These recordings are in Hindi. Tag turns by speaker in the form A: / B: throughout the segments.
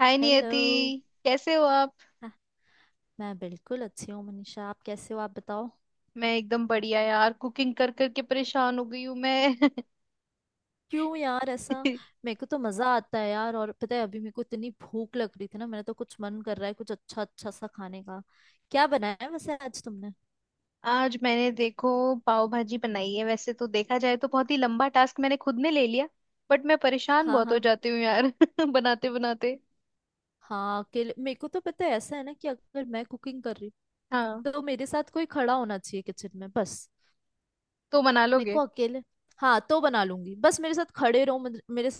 A: हाय
B: हेलो।
A: नियति। कैसे हो आप?
B: हाँ, मैं बिल्कुल अच्छी हूँ मनीषा। आप कैसे हो? आप बताओ।
A: मैं एकदम बढ़िया यार, कुकिंग कर करके परेशान हो गई हूँ मैं।
B: क्यों यार ऐसा? मेरे को तो मजा आता है यार। और पता है अभी मेरे को इतनी भूख लग रही थी ना, मेरा तो कुछ मन कर रहा है, कुछ अच्छा अच्छा सा खाने का। क्या बनाया है वैसे आज तुमने?
A: आज मैंने, देखो, पाव भाजी बनाई है। वैसे तो देखा जाए तो बहुत ही लंबा टास्क मैंने खुद ने ले लिया। बट मैं परेशान
B: हाँ
A: बहुत हो
B: हाँ।
A: जाती हूँ यार, बनाते बनाते।
B: हाँ अकेले, मेरे को तो पता है ऐसा है ना कि अगर मैं कुकिंग कर रही
A: हाँ
B: हूँ तो मेरे साथ कोई खड़ा होना चाहिए किचन में बस।
A: तो बना
B: मेरे
A: लोगे?
B: को अकेले। हाँ तो बना लूंगी, बस मेरे साथ खड़े रहो, मेरे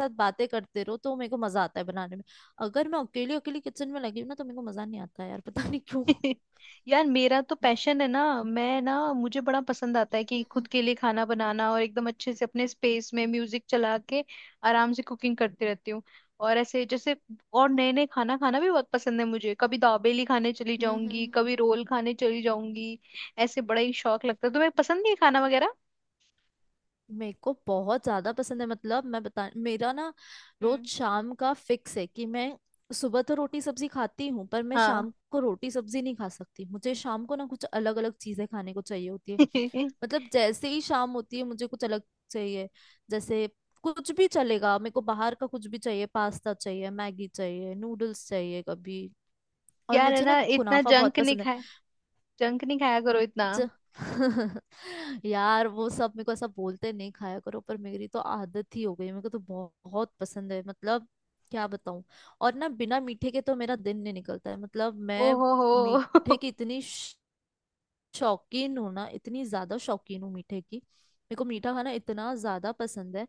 B: साथ बातें करते रहो तो मेरे को मजा आता है बनाने में। अगर मैं अकेली अकेली किचन में लगी हूँ ना तो मेरे को मजा नहीं आता है यार। पता नहीं क्यों।
A: यार, मेरा तो पैशन है ना, मैं ना, मुझे बड़ा पसंद आता है कि खुद
B: हम्म
A: के लिए खाना बनाना और एकदम अच्छे से अपने स्पेस में म्यूजिक चला के आराम से कुकिंग करती रहती हूँ। और ऐसे जैसे। और नए नए खाना खाना भी बहुत पसंद है मुझे, कभी दाबेली खाने चली
B: हम्म
A: जाऊंगी,
B: हम्म।
A: कभी रोल खाने चली जाऊंगी। ऐसे बड़ा ही शौक लगता है। तुम्हें पसंद नहीं है ये खाना वगैरह?
B: मेरे को बहुत ज्यादा पसंद है। मतलब मैं बता, मेरा ना रोज
A: हम्म।
B: शाम का फिक्स है कि मैं सुबह तो रोटी सब्जी खाती हूँ पर मैं
A: हाँ।
B: शाम को रोटी सब्जी नहीं खा सकती। मुझे शाम को ना कुछ अलग अलग चीजें खाने को चाहिए होती है। मतलब जैसे ही शाम होती है मुझे कुछ अलग चाहिए। जैसे कुछ भी चलेगा, मेरे को बाहर का कुछ भी चाहिए, पास्ता चाहिए, मैगी चाहिए, नूडल्स चाहिए कभी। और
A: यार है
B: मुझे ना
A: ना, इतना
B: कुनाफा बहुत
A: जंक नहीं
B: पसंद है।
A: खाया, जंक नहीं खाया करो इतना।
B: ज... यार वो सब मेरे को ऐसा बोलते हैं, नहीं खाया करो, पर मेरी तो आदत ही हो गई। मेरे को तो बहुत, बहुत पसंद है मतलब। क्या बताऊं। और ना बिना मीठे के तो मेरा दिन नहीं निकलता है। मतलब
A: ओ
B: मैं
A: हो। हो।
B: मीठे की इतनी शौकीन हूँ ना, इतनी ज्यादा शौकीन हूँ मीठे की। मेरे को मीठा खाना इतना ज्यादा पसंद है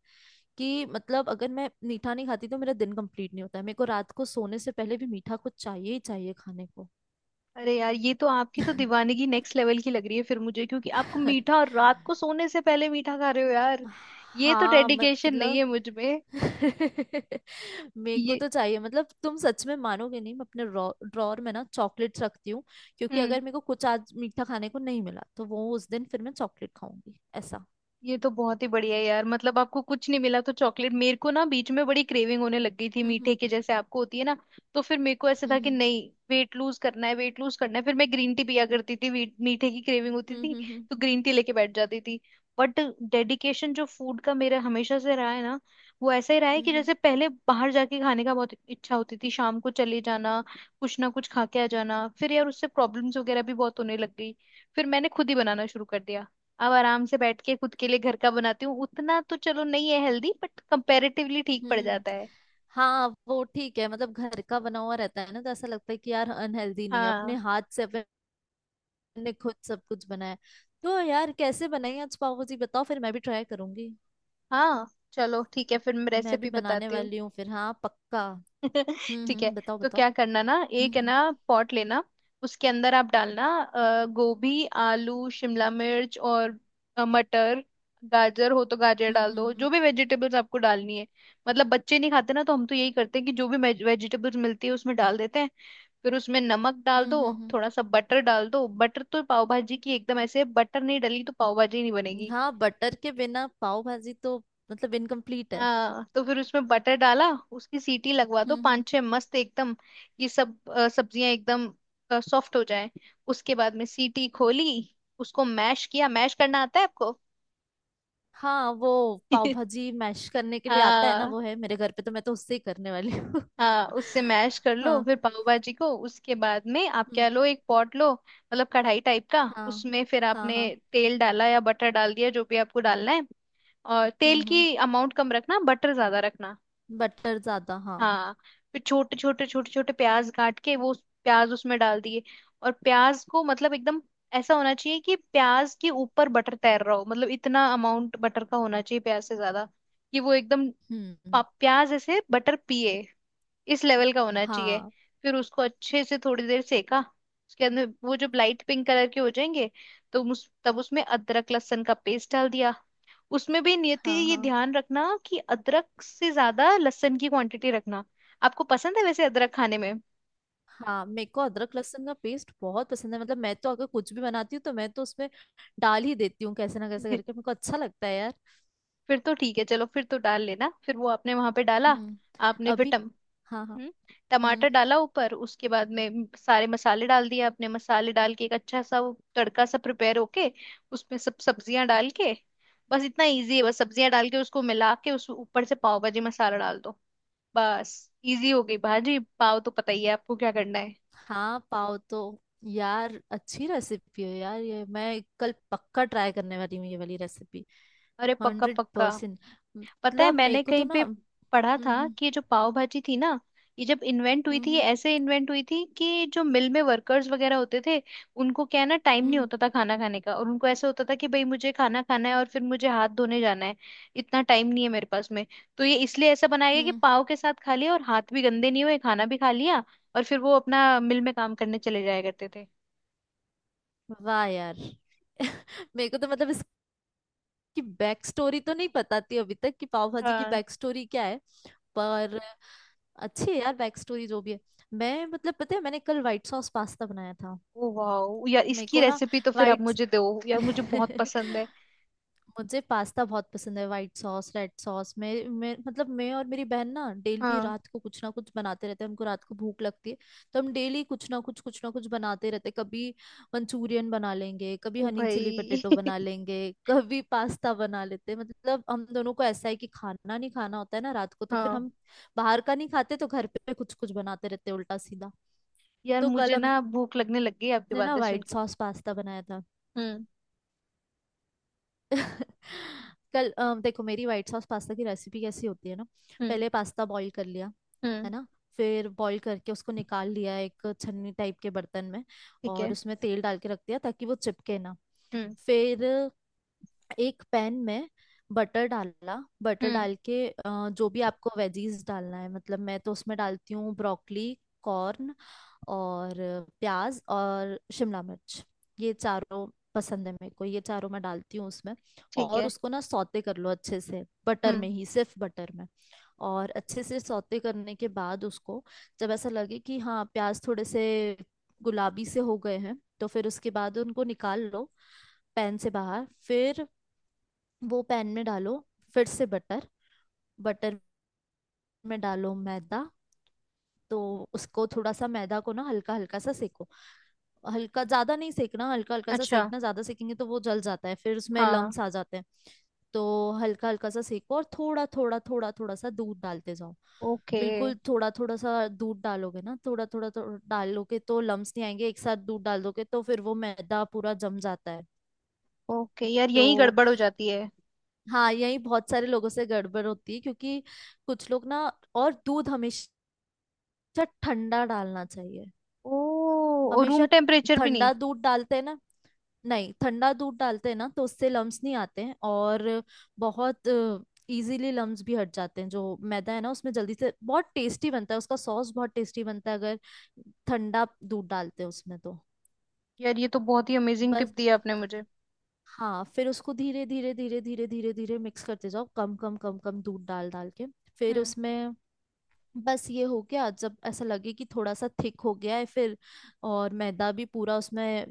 B: कि मतलब अगर मैं मीठा नहीं खाती तो मेरा दिन कंप्लीट नहीं होता है। मेरे को रात को सोने से पहले भी मीठा कुछ चाहिए ही चाहिए खाने को।
A: अरे यार, ये तो आपकी तो दीवानगी नेक्स्ट लेवल की लग रही है फिर मुझे, क्योंकि आपको मीठा, और रात को सोने से पहले मीठा खा रहे हो यार। ये तो
B: हाँ
A: डेडिकेशन नहीं
B: मतलब।
A: है मुझ में।
B: मेरे को
A: ये
B: तो चाहिए मतलब। तुम सच में मानोगे नहीं, मैं अपने ड्रॉर में ना चॉकलेट्स रखती हूँ, क्योंकि
A: हम्म।
B: अगर मेरे को कुछ आज मीठा खाने को नहीं मिला तो वो उस दिन फिर मैं चॉकलेट खाऊंगी ऐसा।
A: ये तो बहुत ही बढ़िया है यार, मतलब आपको कुछ नहीं मिला तो चॉकलेट। मेरे को ना बीच में बड़ी क्रेविंग होने लग गई थी मीठे
B: हम्म
A: की, जैसे आपको होती है ना। तो फिर मेरे को ऐसा
B: हम्म
A: था कि
B: हम्म
A: नहीं, वेट लूज करना है, वेट लूज करना है। फिर मैं ग्रीन टी पिया करती थी, मीठे की क्रेविंग होती
B: हम्म
A: थी।
B: हम्म
A: तो ग्रीन टी लेके बैठ जाती थी। बट डेडिकेशन जो फूड का मेरा हमेशा से रहा है ना, वो ऐसा ही रहा है
B: हम्म
A: कि
B: हम्म,
A: जैसे पहले बाहर जाके खाने का बहुत इच्छा होती थी, शाम को चले जाना, कुछ ना कुछ खा के आ जाना। फिर यार उससे प्रॉब्लम्स वगैरह भी बहुत होने लग गई। फिर मैंने खुद ही बनाना शुरू कर दिया। अब आराम से बैठ के खुद के लिए घर का बनाती हूँ, उतना तो चलो नहीं है हेल्दी, बट कंपैरेटिवली ठीक पड़
B: हम्म।
A: जाता है।
B: हाँ वो ठीक है। मतलब घर का बना हुआ रहता है ना तो ऐसा लगता है कि यार अनहेल्दी नहीं है, अपने
A: हाँ,
B: हाथ से अपने खुद सब कुछ बनाया है। तो यार कैसे बनाई आज पाव भाजी, बताओ फिर मैं भी ट्राई करूंगी।
A: हाँ। चलो ठीक है, फिर मैं
B: मैं भी
A: रेसिपी
B: बनाने
A: बताती हूँ।
B: वाली हूँ फिर, हाँ पक्का।
A: ठीक है।
B: हम्म, बताओ
A: तो
B: बताओ।
A: क्या करना ना, एक है
B: हम्म
A: ना पॉट लेना। उसके अंदर आप डालना गोभी, आलू, शिमला मिर्च और मटर। गाजर हो तो गाजर
B: हम्म
A: डाल
B: हम्म
A: दो,
B: हम्म
A: जो भी वेजिटेबल्स आपको डालनी है। मतलब बच्चे नहीं खाते ना, तो हम तो यही करते हैं कि जो भी वेजिटेबल्स मिलती है उसमें डाल देते हैं। फिर उसमें नमक डाल
B: हम्म
A: दो,
B: हम्म, हम्म, हम्म,
A: थोड़ा सा बटर डाल दो। बटर तो पाव भाजी की एकदम ऐसे, बटर नहीं डली तो पाव भाजी नहीं बनेगी।
B: हाँ, बटर के बिना पाव भाजी तो मतलब इनकम्प्लीट है।
A: हाँ, तो फिर उसमें बटर डाला, उसकी सीटी लगवा दो
B: हम्म।
A: 5-6 मस्त एकदम। ये सब सब्जियां एकदम सॉफ्ट हो जाए। उसके बाद में सीटी खोली, उसको मैश किया। मैश करना आता है आपको?
B: हाँ वो पाव भाजी मैश करने के लिए आता है ना,
A: हाँ,
B: वो है मेरे घर पे, तो मैं तो उससे ही करने वाली हूँ।
A: हाँ, उससे मैश कर लो
B: हाँ
A: फिर पाव भाजी को। उसके बाद में आप
B: हम्म
A: क्या
B: हम्म,
A: लो, एक पॉट लो, मतलब कढ़ाई टाइप का।
B: हाँ
A: उसमें फिर
B: हाँ
A: आपने
B: हाँ।
A: तेल डाला या बटर डाल दिया, जो भी आपको डालना है। और तेल
B: हम्म,
A: की अमाउंट कम रखना, बटर ज्यादा रखना।
B: बटर ज्यादा हाँ।
A: हाँ, फिर छोटे छोटे छोटे छोटे प्याज काट के वो प्याज उसमें डाल दिए। और प्याज को मतलब एकदम ऐसा होना चाहिए कि प्याज के ऊपर बटर तैर रहा हो, मतलब इतना अमाउंट बटर का होना चाहिए प्याज से ज्यादा, कि वो एकदम
B: हम्म।
A: प्याज ऐसे बटर पिए, इस लेवल का होना चाहिए।
B: हाँ
A: फिर उसको अच्छे से थोड़ी देर सेका। उसके अंदर वो जब लाइट पिंक कलर के हो जाएंगे, तो तब उसमें अदरक लहसुन का पेस्ट डाल दिया। उसमें भी नियति,
B: हाँ
A: ये
B: हाँ
A: ध्यान रखना कि अदरक से ज्यादा लहसुन की क्वांटिटी रखना। आपको पसंद है वैसे अदरक खाने में?
B: हाँ। मेरे को अदरक लहसुन का पेस्ट बहुत पसंद है। मतलब मैं तो अगर कुछ भी बनाती हूँ तो मैं तो उसमें डाल ही देती हूँ, कैसे ना कैसे करके। मेरे को अच्छा लगता है यार।
A: फिर तो ठीक है, चलो फिर तो डाल लेना। फिर वो आपने वहां पे डाला।
B: हम्म,
A: आपने फिर
B: अभी
A: टम
B: हाँ हाँ।
A: हम्म,
B: हम्म।
A: टमाटर डाला ऊपर। उसके बाद में सारे मसाले डाल दिए आपने, मसाले डाल के एक अच्छा सा वो तड़का सा प्रिपेयर होके, उसमें सब सब्जियां डाल के, बस इतना इजी है। बस सब्जियां डाल के उसको मिला के उस ऊपर से पाव भाजी मसाला डाल दो। बस, इजी हो गई भाजी। पाव तो पता ही है आपको क्या करना है।
B: हाँ पाव तो। यार अच्छी रेसिपी है यार, ये मैं कल पक्का ट्राई करने वाली हूँ, ये वाली रेसिपी।
A: अरे, पक्का,
B: हंड्रेड
A: पक्का।
B: परसेंट
A: पता है
B: मतलब मेरे
A: मैंने
B: को तो
A: कहीं
B: ना
A: पे
B: हम्म।
A: पढ़ा था
B: हम्म
A: कि ये जो पाव भाजी थी ना, ये जब इन्वेंट हुई
B: हम्म
A: थी, ये
B: हम्म
A: ऐसे इन्वेंट हुई थी कि जो मिल में वर्कर्स वगैरह होते थे, उनको क्या है ना, टाइम नहीं
B: हम्म,
A: होता था खाना खाने का। और उनको ऐसा होता था कि भाई मुझे खाना खाना है और फिर मुझे हाथ धोने जाना है, इतना टाइम नहीं है मेरे पास में। तो ये इसलिए ऐसा बनाया गया कि
B: हम्म।
A: पाव के साथ खा लिया और हाथ भी गंदे नहीं हुए, खाना भी खा लिया, और फिर वो अपना मिल में काम करने चले जाया करते थे।
B: वाह यार। मेरे को तो मतलब की बैक स्टोरी तो नहीं पता थी अभी तक, कि पाव भाजी की
A: हाँ।
B: बैक स्टोरी क्या है। पर अच्छी है यार बैक स्टोरी जो भी है। मैं मतलब पता है मैंने कल व्हाइट सॉस पास्ता बनाया था।
A: ओ वाह यार,
B: मेरे
A: इसकी
B: को ना
A: रेसिपी तो फिर आप
B: व्हाइट।
A: मुझे दो यार, मुझे बहुत पसंद है।
B: मुझे पास्ता बहुत पसंद है, वाइट सॉस रेड सॉस। मैं मतलब मैं और मेरी बहन ना डेली
A: हाँ।
B: रात को कुछ ना कुछ बनाते रहते हैं, हमको रात को भूख लगती है। तो हम डेली कुछ ना कुछ बनाते रहते हैं। कभी मंचूरियन बना लेंगे, कभी
A: ओ
B: हनी चिली
A: भाई।
B: पटेटो बना लेंगे, कभी पास्ता बना लेते हैं। मतलब हम दोनों को ऐसा है कि खाना नहीं खाना होता है ना रात को, तो फिर
A: हाँ
B: हम बाहर का नहीं खाते तो घर पे कुछ कुछ बनाते रहते हैं उल्टा सीधा।
A: यार,
B: तो कल
A: मुझे
B: हमने
A: ना भूख लगने लग गई आपकी
B: ना
A: बातें सुन
B: व्हाइट
A: के।
B: सॉस पास्ता बनाया था।
A: हम्म।
B: कल देखो मेरी व्हाइट सॉस पास्ता की रेसिपी कैसी होती है ना।
A: हम्म।
B: पहले पास्ता बॉईल कर लिया, है
A: हम्म।
B: ना? फिर बॉईल करके उसको निकाल लिया एक छन्नी टाइप के बर्तन में,
A: ठीक
B: और
A: है।
B: उसमें तेल डाल के रख दिया ताकि वो चिपके ना।
A: हम्म।
B: फिर एक पैन में बटर डाला। बटर
A: हम्म।
B: डाल के जो भी आपको वेजीज डालना है, मतलब मैं तो उसमें डालती हूँ ब्रोकली, कॉर्न और प्याज और शिमला मिर्च। ये चारों पसंद है मेरे को, ये चारों मैं डालती हूँ उसमें।
A: ठीक
B: और
A: है।
B: उसको ना सौते कर लो अच्छे से बटर
A: हम्म।
B: में ही, सिर्फ बटर में। और अच्छे से सौते करने के बाद उसको, जब ऐसा लगे कि हाँ प्याज थोड़े से गुलाबी से हो गए हैं, तो फिर उसके बाद उनको निकाल लो पैन से बाहर। फिर वो पैन में डालो फिर से बटर। बटर में डालो मैदा। तो उसको थोड़ा सा मैदा को ना हल्का हल्का सा सेको। हल्का ज्यादा नहीं सेकना, हल्का हल्का सा
A: अच्छा।
B: सेकना। ज्यादा सेकेंगे तो वो जल जाता है, फिर उसमें
A: हाँ।
B: लम्स आ जाते हैं। तो हल्का हल्का सा सेको और थोड़ा थोड़ा थोड़ा थोड़ा सा दूध डालते जाओ।
A: ओके।
B: बिल्कुल थोड़ा थोड़ा सा दूध डालोगे ना, थोड़ा थोड़ा थोड़ा डालोगे तो लम्स नहीं आएंगे। एक साथ दूध डाल दोगे तो फिर वो मैदा पूरा जम जाता है।
A: ओके यार, यही
B: तो
A: गड़बड़ हो जाती है।
B: हाँ, यही बहुत सारे लोगों से गड़बड़ होती है, क्योंकि कुछ लोग ना। और दूध हमेशा ठंडा डालना चाहिए।
A: ओ, रूम
B: हमेशा
A: टेम्परेचर भी नहीं?
B: ठंडा दूध डालते हैं ना, नहीं ठंडा दूध डालते हैं ना तो उससे लम्स नहीं आते हैं, और बहुत इजीली लम्स भी हट जाते हैं जो मैदा है ना उसमें, जल्दी से बहुत टेस्टी बनता है उसका सॉस, बहुत टेस्टी बनता है अगर ठंडा दूध डालते हैं उसमें तो।
A: यार, ये तो बहुत ही अमेजिंग टिप
B: बस।
A: दी आपने मुझे।
B: हाँ फिर उसको धीरे धीरे धीरे धीरे धीरे धीरे मिक्स करते जाओ, कम कम कम कम दूध डाल डाल के। फिर
A: हम्म।
B: उसमें बस ये हो गया, जब ऐसा लगे कि थोड़ा सा थिक हो गया है, फिर और मैदा भी पूरा उसमें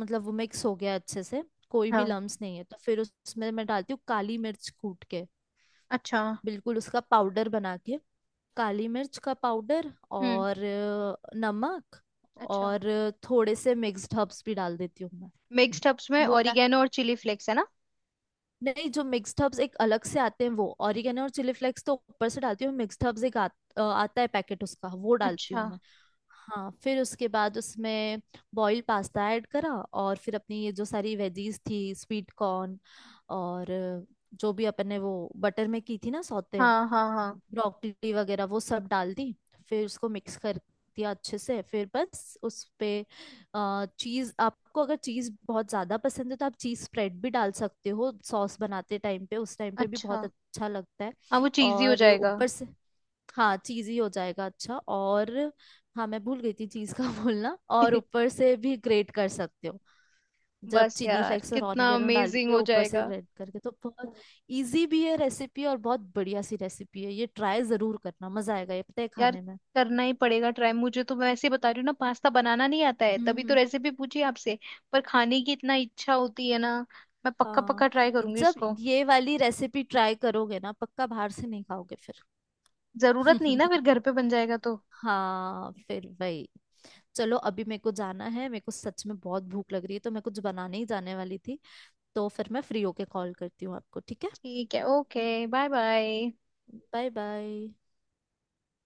B: मतलब वो मिक्स हो गया अच्छे से, कोई भी
A: हाँ।
B: लम्स नहीं है, तो फिर उसमें मैं डालती हूँ काली मिर्च कूट के,
A: अच्छा।
B: बिल्कुल उसका पाउडर बना के। काली मिर्च का पाउडर
A: हम्म।
B: और नमक,
A: अच्छा,
B: और थोड़े से मिक्स्ड हर्ब्स भी डाल देती हूँ मैं।
A: मिक्स्ड हब्स में
B: वो डा-
A: ओरिगेनो और चिली फ्लेक्स है ना?
B: नहीं, जो मिक्स्ड हर्ब्स एक अलग से आते हैं वो, ऑरिगेनो और चिली फ्लेक्स तो ऊपर से डालती हूँ। मिक्स्ड हर्ब्स एक आता है पैकेट उसका, वो डालती हूँ
A: अच्छा।
B: मैं। हाँ फिर उसके बाद उसमें बॉइल्ड पास्ता ऐड करा, और फिर अपनी ये जो सारी वेजीज थी, स्वीट कॉर्न और जो भी अपन ने वो बटर में की थी ना सौते,
A: हाँ, हाँ, हाँ।
B: ब्रोकली वगैरह वो सब डाल दी। फिर उसको मिक्स कर दिया अच्छे से। फिर बस उस पे चीज। आपको अगर चीज बहुत ज्यादा पसंद है तो आप चीज स्प्रेड भी डाल सकते हो सॉस बनाते टाइम पे, उस टाइम पे भी बहुत
A: अच्छा।
B: अच्छा लगता है।
A: हाँ, वो चीजी हो
B: और
A: जाएगा।
B: ऊपर से हाँ, चीज ही हो जाएगा अच्छा। और हाँ मैं भूल गई थी चीज का बोलना। और ऊपर से भी ग्रेट कर सकते हो, जब
A: बस
B: चिली
A: यार,
B: फ्लेक्स और
A: कितना
B: ऑनियन डाल
A: अमेजिंग
B: के
A: हो
B: ऊपर से
A: जाएगा।
B: ग्राइंड करके तो बहुत। इजी भी है रेसिपी और बहुत बढ़िया सी रेसिपी है ये, ट्राई जरूर करना, मजा आएगा ये पता है
A: यार,
B: खाने में।
A: करना ही पड़ेगा ट्राई मुझे तो। मैं ऐसे ही बता रही हूँ ना, पास्ता बनाना नहीं आता है, तभी तो
B: हम्म।
A: रेसिपी पूछी आपसे। पर खाने की इतना इच्छा होती है ना। मैं पक्का
B: हाँ
A: पक्का ट्राई करूंगी
B: जब
A: इसको।
B: ये वाली रेसिपी ट्राई करोगे ना, पक्का बाहर से नहीं खाओगे फिर।
A: जरूरत नहीं
B: हम्म।
A: ना, फिर घर पे बन जाएगा तो।
B: हाँ फिर वही, चलो अभी मेरे को जाना है, मेरे को सच में बहुत भूख लग रही है तो मैं कुछ बनाने ही जाने वाली थी। तो फिर मैं फ्री होके कॉल करती हूँ आपको, ठीक है।
A: ठीक है, okay. Bye bye.
B: Bye bye.